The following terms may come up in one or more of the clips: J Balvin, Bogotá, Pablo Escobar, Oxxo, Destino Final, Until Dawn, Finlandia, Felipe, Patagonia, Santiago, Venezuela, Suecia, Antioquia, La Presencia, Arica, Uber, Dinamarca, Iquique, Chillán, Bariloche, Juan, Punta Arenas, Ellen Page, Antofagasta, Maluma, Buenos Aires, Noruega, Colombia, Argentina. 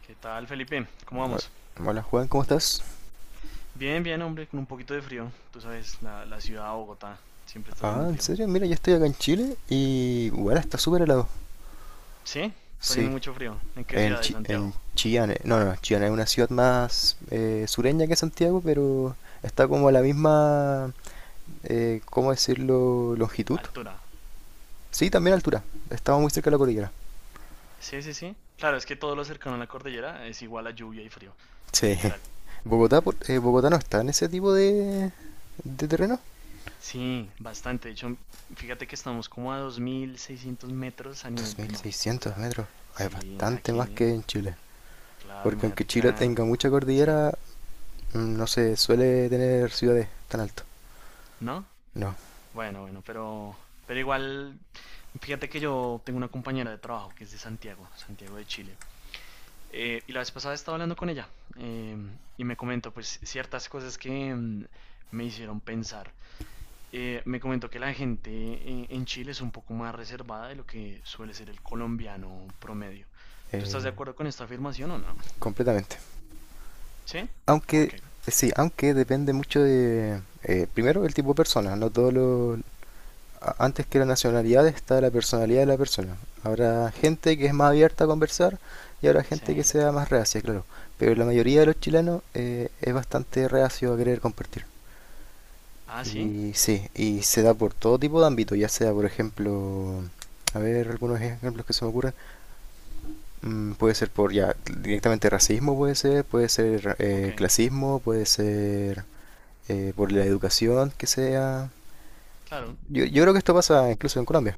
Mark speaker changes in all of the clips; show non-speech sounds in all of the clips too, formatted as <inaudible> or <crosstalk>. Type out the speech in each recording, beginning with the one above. Speaker 1: ¿Qué tal, Felipe? ¿Cómo
Speaker 2: Ah,
Speaker 1: vamos?
Speaker 2: hola Juan, ¿cómo estás?
Speaker 1: Bien, bien, hombre, con un poquito de frío. Tú sabes, la ciudad de Bogotá siempre está haciendo
Speaker 2: Ah, ¿en
Speaker 1: frío.
Speaker 2: serio? Mira, yo estoy acá en Chile y bueno, está súper helado.
Speaker 1: ¿Sí? Está haciendo
Speaker 2: Sí,
Speaker 1: mucho frío. ¿En qué
Speaker 2: en,
Speaker 1: ciudad de
Speaker 2: En
Speaker 1: Santiago?
Speaker 2: Chillán, no, no, Chillán es una ciudad más sureña que Santiago, pero está como a la misma, ¿cómo decirlo?, longitud.
Speaker 1: Altura.
Speaker 2: Sí, también altura, estamos muy cerca de la cordillera.
Speaker 1: Sí, sí, sí. Claro, es que todo lo cercano a la cordillera es igual a lluvia y frío,
Speaker 2: Sí.
Speaker 1: literal.
Speaker 2: <laughs> Bogotá no está en ese tipo de terreno.
Speaker 1: Sí, bastante. De hecho, fíjate que estamos como a 2.600 metros a
Speaker 2: Dos
Speaker 1: nivel del
Speaker 2: mil
Speaker 1: mar. O
Speaker 2: seiscientos
Speaker 1: sea,
Speaker 2: metros, Ah, es
Speaker 1: sí,
Speaker 2: bastante más
Speaker 1: aquí,
Speaker 2: que en Chile.
Speaker 1: claro,
Speaker 2: Porque aunque
Speaker 1: imagínate que
Speaker 2: Chile
Speaker 1: la.
Speaker 2: tenga mucha
Speaker 1: Sí,
Speaker 2: cordillera, no se suele tener ciudades tan altas.
Speaker 1: ¿no?
Speaker 2: No,
Speaker 1: Bueno, bueno, pero igual, fíjate que yo tengo una compañera de trabajo que es de Santiago, Santiago de Chile. Y la vez pasada estaba hablando con ella y me comentó pues ciertas cosas que me hicieron pensar. Me comentó que la gente en Chile es un poco más reservada de lo que suele ser el colombiano promedio. ¿Tú estás
Speaker 2: eh,
Speaker 1: de acuerdo con esta afirmación o no?
Speaker 2: completamente.
Speaker 1: ¿Sí? ¿Por
Speaker 2: Aunque,
Speaker 1: qué?
Speaker 2: sí, aunque depende mucho de, primero, el tipo de persona. No todos los... Antes que la nacionalidad está la personalidad de la persona. Habrá gente que es más abierta a conversar y habrá gente que
Speaker 1: Sí.
Speaker 2: sea más reacia, claro. Pero la mayoría de los chilenos es bastante reacio a querer compartir.
Speaker 1: Ah, sí.
Speaker 2: Y sí, y se da por todo tipo de ámbito, ya sea, por ejemplo, a ver, algunos ejemplos que se me ocurren. Puede ser por ya directamente racismo, puede ser
Speaker 1: Ok.
Speaker 2: clasismo, puede ser por la educación que sea.
Speaker 1: Claro.
Speaker 2: Yo creo que esto pasa incluso en Colombia.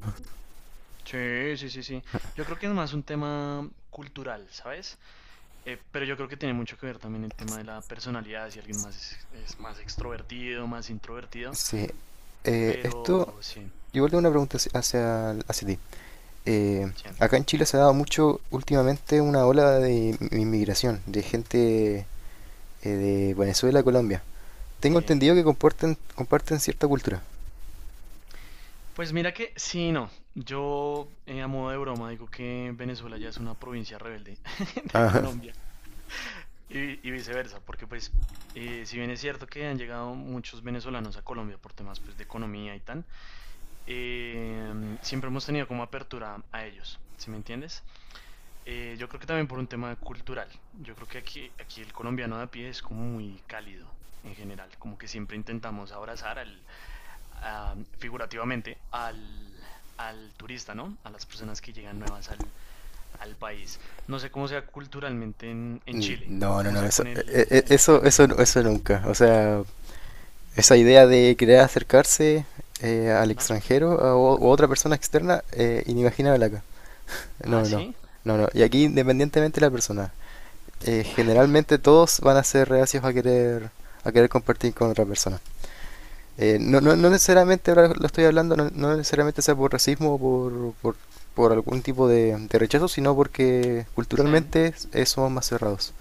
Speaker 1: Sí, sí, sí, sí. Yo creo que es más un tema cultural, ¿sabes? Pero yo creo que tiene mucho que ver también el tema de la personalidad, si alguien más es más extrovertido, más introvertido,
Speaker 2: Sí. Eh, esto,
Speaker 1: pero sí,
Speaker 2: igual tengo una pregunta hacia, hacia ti. Eh,
Speaker 1: sí,
Speaker 2: acá en Chile se ha dado mucho últimamente una ola de inmigración, de gente de Venezuela a Colombia. Tengo
Speaker 1: sí.
Speaker 2: entendido que comparten cierta cultura.
Speaker 1: Pues mira que sí, no, yo a modo de broma digo que Venezuela ya es una provincia rebelde <laughs> de
Speaker 2: Ajá.
Speaker 1: Colombia y viceversa, porque pues si bien es cierto que han llegado muchos venezolanos a Colombia por temas pues de economía y tal, siempre hemos tenido como apertura a ellos, ¿sí me entiendes? Yo creo que también por un tema cultural. Yo creo que aquí, aquí el colombiano de a pie es como muy cálido en general, como que siempre intentamos abrazar al, figurativamente al turista, ¿no? A las personas que llegan nuevas al, al país. No sé cómo sea culturalmente en Chile,
Speaker 2: No, no,
Speaker 1: cómo
Speaker 2: no,
Speaker 1: sea
Speaker 2: eso,
Speaker 1: con
Speaker 2: e- e-
Speaker 1: el
Speaker 2: eso, eso,
Speaker 1: extranjero,
Speaker 2: eso nunca. O sea, esa idea de querer acercarse al
Speaker 1: ¿no?
Speaker 2: extranjero o otra persona externa, inimaginable acá.
Speaker 1: Ah,
Speaker 2: No, no,
Speaker 1: sí.
Speaker 2: no, no. Y aquí independientemente de la persona, generalmente todos van a ser reacios a querer compartir con otra persona. No, no
Speaker 1: Ah,
Speaker 2: necesariamente, ahora lo estoy hablando, no, no necesariamente sea por racismo o por, por algún tipo de rechazo, sino porque
Speaker 1: chen.
Speaker 2: culturalmente somos más cerrados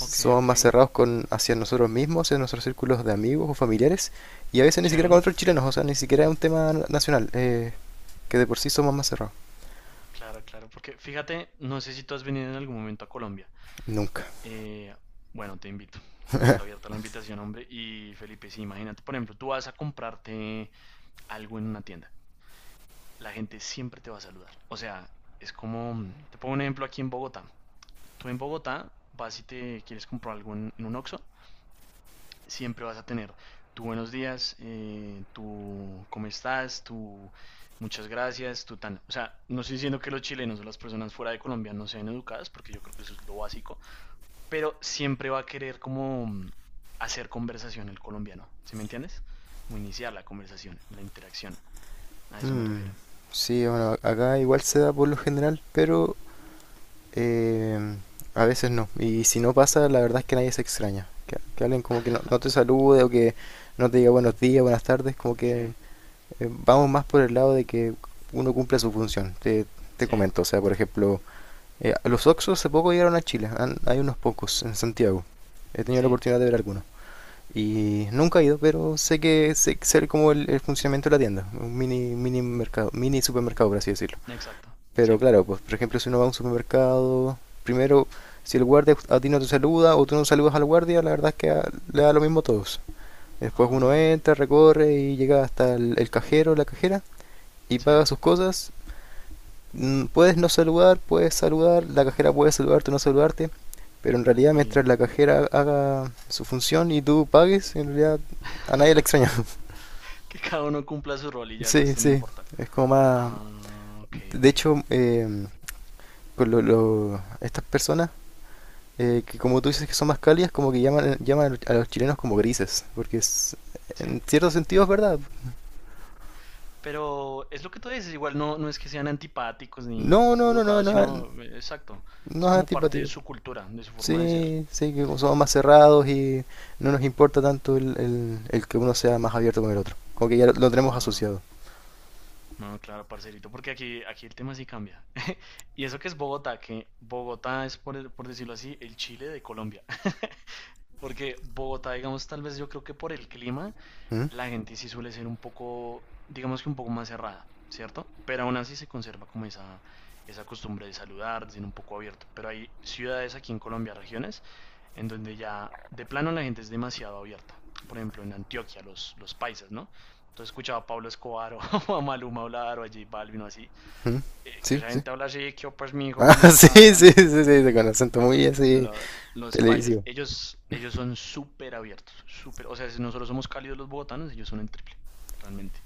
Speaker 1: Ok,
Speaker 2: más
Speaker 1: ok.
Speaker 2: con, hacia nosotros mismos, hacia nuestros círculos de amigos o familiares, y a veces ni siquiera con
Speaker 1: Chen.
Speaker 2: otros chilenos, o sea, ni siquiera es un tema nacional, que de por sí somos más cerrados.
Speaker 1: Claro, claro, porque fíjate, no sé si tú has venido en algún momento a Colombia.
Speaker 2: Nunca.
Speaker 1: Eh, bueno, te invito. Está abierta la invitación, hombre. Y Felipe, sí, imagínate, por ejemplo, tú vas a comprarte algo en una tienda. La gente siempre te va a saludar. O sea, es como, te pongo un ejemplo aquí en Bogotá. Tú en Bogotá vas y te quieres comprar algo en un Oxxo, siempre vas a tener tu buenos días, tu cómo estás, tu muchas gracias, tu tan. O sea, no estoy diciendo que los chilenos o las personas fuera de Colombia no sean educadas, porque yo creo que eso es lo básico, pero siempre va a querer como hacer conversación el colombiano, ¿sí me entiendes? Como iniciar la conversación, la interacción, a eso me
Speaker 2: Mm,
Speaker 1: refiero.
Speaker 2: sí, bueno, acá igual se da por lo general, pero eh, a veces no. Y si no pasa, la verdad es que nadie se extraña. Que alguien como que no, no te salude o que no te diga buenos días, buenas tardes, como que
Speaker 1: Sí,
Speaker 2: vamos más por el lado de que uno cumpla su función. Te
Speaker 1: sí,
Speaker 2: comento, o sea, por ejemplo, eh, los oxxos hace poco llegaron a Chile, hay unos pocos en Santiago. He tenido la
Speaker 1: sí,
Speaker 2: oportunidad de ver algunos. Y nunca he ido, pero sé que sé como el funcionamiento de la tienda, un mini, mini mercado, mini supermercado, por así decirlo.
Speaker 1: exacto, sí.
Speaker 2: Pero claro, pues por ejemplo, si uno va a un supermercado, primero, si el guardia a ti no te saluda o tú no saludas al guardia, la verdad es que le da lo mismo a todos. Después
Speaker 1: Ah,
Speaker 2: uno entra, recorre y llega hasta el cajero, la cajera, y
Speaker 1: sí,
Speaker 2: paga sus cosas. Puedes no saludar, puedes saludar, la cajera puede saludarte o no saludarte, pero en realidad
Speaker 1: y
Speaker 2: mientras la cajera haga su función y tú pagues, en realidad a nadie le extraña.
Speaker 1: <laughs>
Speaker 2: <laughs>
Speaker 1: que cada uno cumpla su rol y ya el
Speaker 2: Sí,
Speaker 1: resto no
Speaker 2: sí,
Speaker 1: importa.
Speaker 2: es como más...
Speaker 1: Ah, ok,
Speaker 2: De
Speaker 1: ok,
Speaker 2: hecho, con estas personas, que como tú dices que son más cálidas, como que llaman, llaman a los chilenos como grises,
Speaker 1: sí.
Speaker 2: en cierto sentido es verdad.
Speaker 1: Pero es lo que tú dices, igual no, no es que sean antipáticos ni
Speaker 2: No,
Speaker 1: poco
Speaker 2: no, no, no,
Speaker 1: educados,
Speaker 2: no,
Speaker 1: sino, exacto,
Speaker 2: no
Speaker 1: es
Speaker 2: es
Speaker 1: como parte
Speaker 2: antipatía.
Speaker 1: de su cultura, de su forma de ser.
Speaker 2: Sí, sí, que como somos más cerrados y no nos importa tanto el, el que uno sea más abierto con el otro. Como que ya lo tenemos
Speaker 1: Ah,
Speaker 2: asociado.
Speaker 1: no, claro, parcerito, porque aquí, aquí el tema sí cambia. <laughs> Y eso que es Bogotá, que Bogotá es, por decirlo así, el Chile de Colombia. <laughs> Porque Bogotá, digamos, tal vez yo creo que por el clima,
Speaker 2: ¿Mm?
Speaker 1: la gente sí suele ser un poco, digamos que un poco más cerrada, ¿cierto? Pero aún así se conserva como esa costumbre de saludar, de ser un poco abierto. Pero hay ciudades aquí en Colombia, regiones, en donde ya de plano la gente es demasiado abierta. Por ejemplo, en Antioquia, los paisas, ¿no? Entonces escuchaba a Pablo Escobar <laughs> o a Maluma hablar o a J Balvin o así.
Speaker 2: ¿Mm?
Speaker 1: Que
Speaker 2: Sí,
Speaker 1: esa
Speaker 2: sí.
Speaker 1: gente
Speaker 2: <laughs>
Speaker 1: habla así, que oh, pues mi hijo, ¿cómo
Speaker 2: Ah, sí,
Speaker 1: está? Tan.
Speaker 2: sí, sí, sí, con acento
Speaker 1: Lo-
Speaker 2: muy así
Speaker 1: lo- los paisas,
Speaker 2: televisivo.
Speaker 1: ellos son súper abiertos, súper, o sea, si nosotros somos cálidos los bogotanos, ellos son el triple, realmente.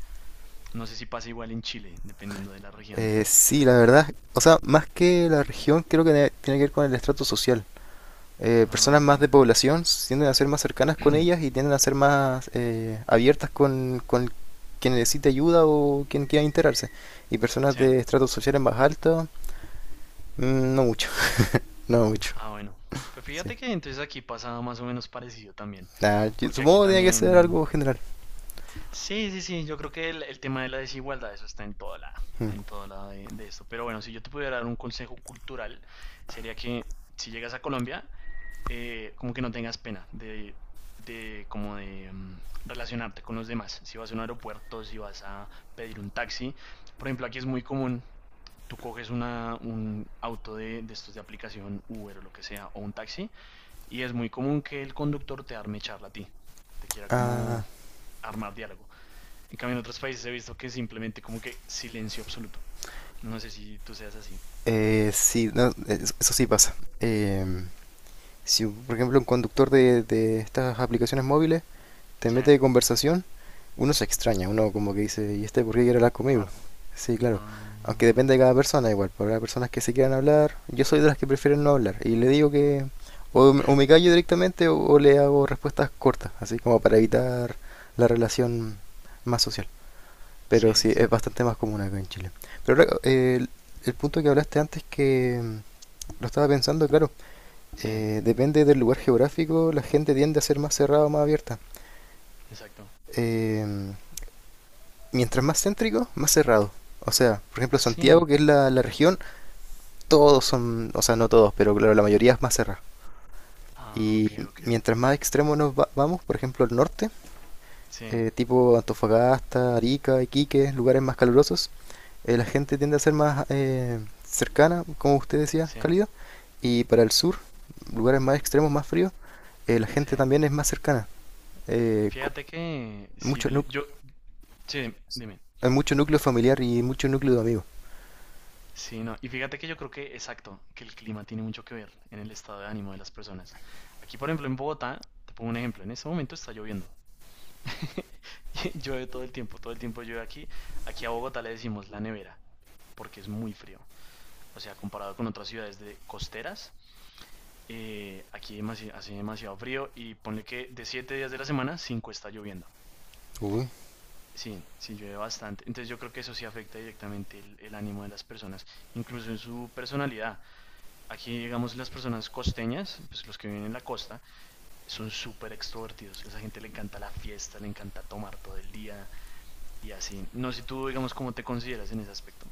Speaker 1: No sé si pasa igual en Chile, dependiendo de la región.
Speaker 2: Sí, la verdad, o sea, más que la región, creo que tiene que ver con el estrato social.
Speaker 1: Ah,
Speaker 2: Personas
Speaker 1: ok.
Speaker 2: más de población tienden a ser más cercanas
Speaker 1: <clears throat>
Speaker 2: con ellas y
Speaker 1: <coughs>
Speaker 2: tienden a ser más abiertas con quien necesita ayuda o quien quiera enterarse. Y personas
Speaker 1: Sí.
Speaker 2: de estratos sociales más altos no mucho, <laughs> no mucho.
Speaker 1: Ah, bueno. Pues
Speaker 2: Sí.
Speaker 1: fíjate que entonces aquí pasa más o menos parecido también,
Speaker 2: Nah, yo
Speaker 1: porque aquí
Speaker 2: supongo que tiene que ser
Speaker 1: también.
Speaker 2: algo general.
Speaker 1: Sí, sí, sí, yo creo que el tema de la desigualdad, eso está
Speaker 2: Mm.
Speaker 1: en todo lado de esto. Pero bueno, si yo te pudiera dar un consejo cultural, sería que si llegas a Colombia, como que no tengas pena de como de relacionarte con los demás. Si vas a un aeropuerto, si vas a pedir un taxi, por ejemplo, aquí es muy común, tú coges un auto de estos de aplicación Uber o lo que sea, o un taxi, y es muy común que el conductor te arme charla a ti, te quiera como
Speaker 2: Ah,
Speaker 1: armar diálogo. En cambio, en otros países he visto que simplemente como que silencio absoluto. No sé si tú seas así.
Speaker 2: sí, no, eso, eso sí pasa. Si, por ejemplo, un conductor de estas aplicaciones móviles te
Speaker 1: Sí,
Speaker 2: mete de conversación, uno se extraña, uno como que dice, ¿y este por qué quiere hablar conmigo?
Speaker 1: raro.
Speaker 2: Sí, claro. Aunque
Speaker 1: Ah,
Speaker 2: depende de cada persona igual, porque habrá personas que se quieran hablar, yo soy de las que prefieren no hablar, y le digo que o, o me callo directamente o le hago respuestas cortas, así como para evitar la relación más social. Pero
Speaker 1: sí, sí,
Speaker 2: sí, es
Speaker 1: sí.
Speaker 2: bastante más común acá en Chile. Pero ahora, el punto que hablaste antes que lo estaba pensando, claro,
Speaker 1: Sí,
Speaker 2: depende del lugar geográfico, la gente tiende a ser más cerrada o más abierta.
Speaker 1: exacto.
Speaker 2: Em, mientras más céntrico, más cerrado. O sea, por ejemplo, Santiago,
Speaker 1: Sí.
Speaker 2: que es la región, todos son, o sea, no todos, pero claro, la mayoría es más cerrada.
Speaker 1: Ah, ok,
Speaker 2: Y
Speaker 1: ok.
Speaker 2: mientras más extremo vamos, por ejemplo, el norte,
Speaker 1: Sí,
Speaker 2: tipo Antofagasta, Arica, Iquique, lugares más calurosos, la gente tiende a ser más cercana, como usted decía,
Speaker 1: sí,
Speaker 2: cálida. Y para el sur, lugares más extremos, más fríos, la
Speaker 1: sí.
Speaker 2: gente también es más cercana. Eh, co-
Speaker 1: Fíjate que, sí,
Speaker 2: mucho nu-
Speaker 1: Felipe, yo, sí, dime.
Speaker 2: hay mucho núcleo familiar y mucho núcleo de amigos.
Speaker 1: Sí, no, y fíjate que yo creo que, exacto, que el clima tiene mucho que ver en el estado de ánimo de las personas. Aquí, por ejemplo, en Bogotá, te pongo un ejemplo, en este momento está lloviendo. <laughs> Llueve todo el tiempo llueve aquí. Aquí a Bogotá le decimos la nevera porque es muy frío. O sea, comparado con otras ciudades de costeras, aquí hace demasiado frío y ponle que de 7 días de la semana, 5 está lloviendo.
Speaker 2: Uy,
Speaker 1: Sí, sí llueve bastante. Entonces yo creo que eso sí afecta directamente el ánimo de las personas, incluso en su personalidad. Aquí, digamos, las personas costeñas, pues los que viven en la costa, son súper extrovertidos. A esa gente le encanta la fiesta, le encanta tomar todo el día y así. No sé tú, digamos, cómo te consideras en ese aspecto.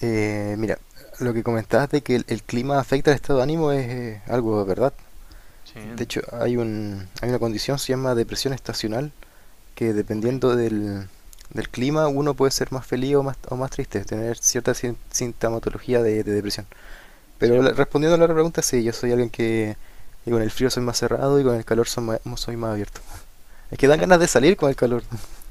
Speaker 2: Mira, lo que comentabas de que el clima afecta al estado de ánimo es algo de verdad. De
Speaker 1: Sí,
Speaker 2: hecho, hay una condición, se llama depresión estacional, que
Speaker 1: ok,
Speaker 2: dependiendo del clima uno puede ser más feliz o más triste, tener cierta sintomatología de depresión.
Speaker 1: sí.
Speaker 2: Pero respondiendo a la otra pregunta, sí, yo soy alguien que con el frío soy más cerrado y con el calor soy más abierto. Es que dan ganas de salir con el calor. <laughs>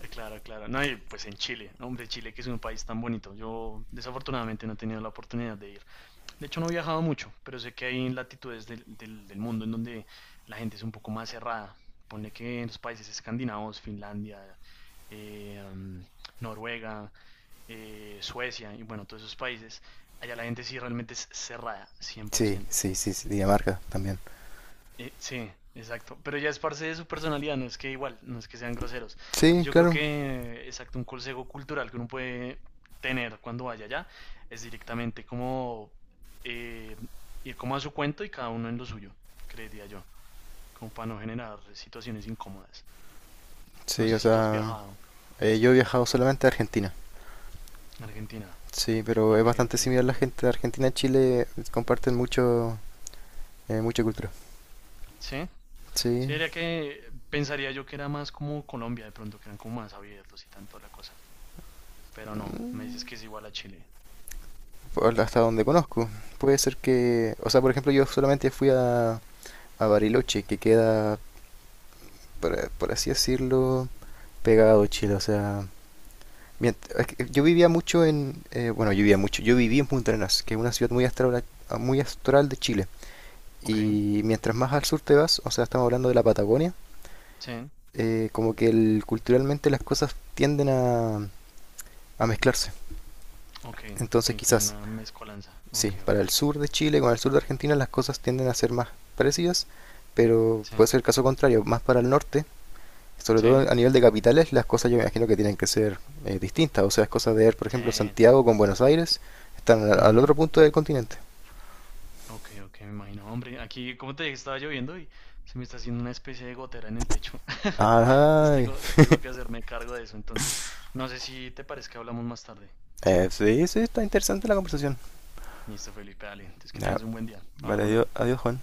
Speaker 1: Claro, claro. No, y pues en Chile. No, hombre, Chile que es un país tan bonito. Yo desafortunadamente no he tenido la oportunidad de ir. De hecho, no he viajado mucho, pero sé que hay latitudes del, del mundo en donde la gente es un poco más cerrada. Ponle que en los países escandinavos, Finlandia, eh, mm, Noruega, Suecia y bueno, todos esos países, allá la gente sí realmente es cerrada,
Speaker 2: Sí,
Speaker 1: 100%.
Speaker 2: sí, sí, sí, Dinamarca también.
Speaker 1: Sí, exacto. Pero ya es parte de su personalidad, no es que igual, no es que sean groseros. Entonces
Speaker 2: Sí,
Speaker 1: yo creo
Speaker 2: claro.
Speaker 1: que, exacto, un consejo cultural que uno puede tener cuando vaya allá es directamente como eh, ir como a su cuento y cada uno en lo suyo, creería yo, como para no generar situaciones incómodas. No
Speaker 2: Sí, o
Speaker 1: sé si tú has
Speaker 2: sea,
Speaker 1: viajado
Speaker 2: yo he viajado solamente a Argentina.
Speaker 1: a Argentina.
Speaker 2: Sí, pero es
Speaker 1: Ok,
Speaker 2: bastante
Speaker 1: ok.
Speaker 2: similar la gente de Argentina y Chile, comparten mucho, mucha cultura.
Speaker 1: Sí,
Speaker 2: Sí,
Speaker 1: sí, diría que pensaría yo que era más como Colombia de pronto, que eran como más abiertos y tanto la cosa. Pero no, me dices que es igual a Chile.
Speaker 2: por- hasta donde conozco. Puede ser que, o sea, por ejemplo, yo solamente fui a Bariloche, que queda, por así decirlo, pegado a Chile. O sea, es que yo vivía mucho en, yo viví en Punta Arenas, que es una ciudad muy astral de Chile.
Speaker 1: Ok.
Speaker 2: Y mientras más al sur te vas, o sea, estamos hablando de la Patagonia,
Speaker 1: Sí.
Speaker 2: como que culturalmente las cosas tienden a mezclarse.
Speaker 1: Ok,
Speaker 2: Entonces
Speaker 1: ok, como
Speaker 2: quizás,
Speaker 1: una mezcolanza.
Speaker 2: sí,
Speaker 1: Ok, ok.
Speaker 2: para el sur de Chile con el sur de Argentina las cosas tienden a ser más parecidas, pero
Speaker 1: Sí,
Speaker 2: puede ser el caso contrario, más para el norte, sobre todo
Speaker 1: sí,
Speaker 2: a nivel de capitales, las cosas yo me imagino que tienen que ser distintas. O sea, es cosa de ver, por ejemplo,
Speaker 1: sí.
Speaker 2: Santiago con Buenos Aires, están al
Speaker 1: Ujú,
Speaker 2: otro punto del continente.
Speaker 1: ok, ok, me imagino. Hombre, aquí, como te dije, estaba lloviendo y se me está haciendo una especie de gotera en el techo. <laughs> Entonces
Speaker 2: Ajá.
Speaker 1: tengo que hacerme cargo de eso. Entonces, no sé si te parece que hablamos más tarde. ¿Sí?
Speaker 2: Sí, sí, está interesante la conversación.
Speaker 1: Listo, Felipe, dale. Entonces que
Speaker 2: Ya,
Speaker 1: tengas un buen día.
Speaker 2: vale,
Speaker 1: Hablamos
Speaker 2: adiós,
Speaker 1: luego.
Speaker 2: adiós Juan.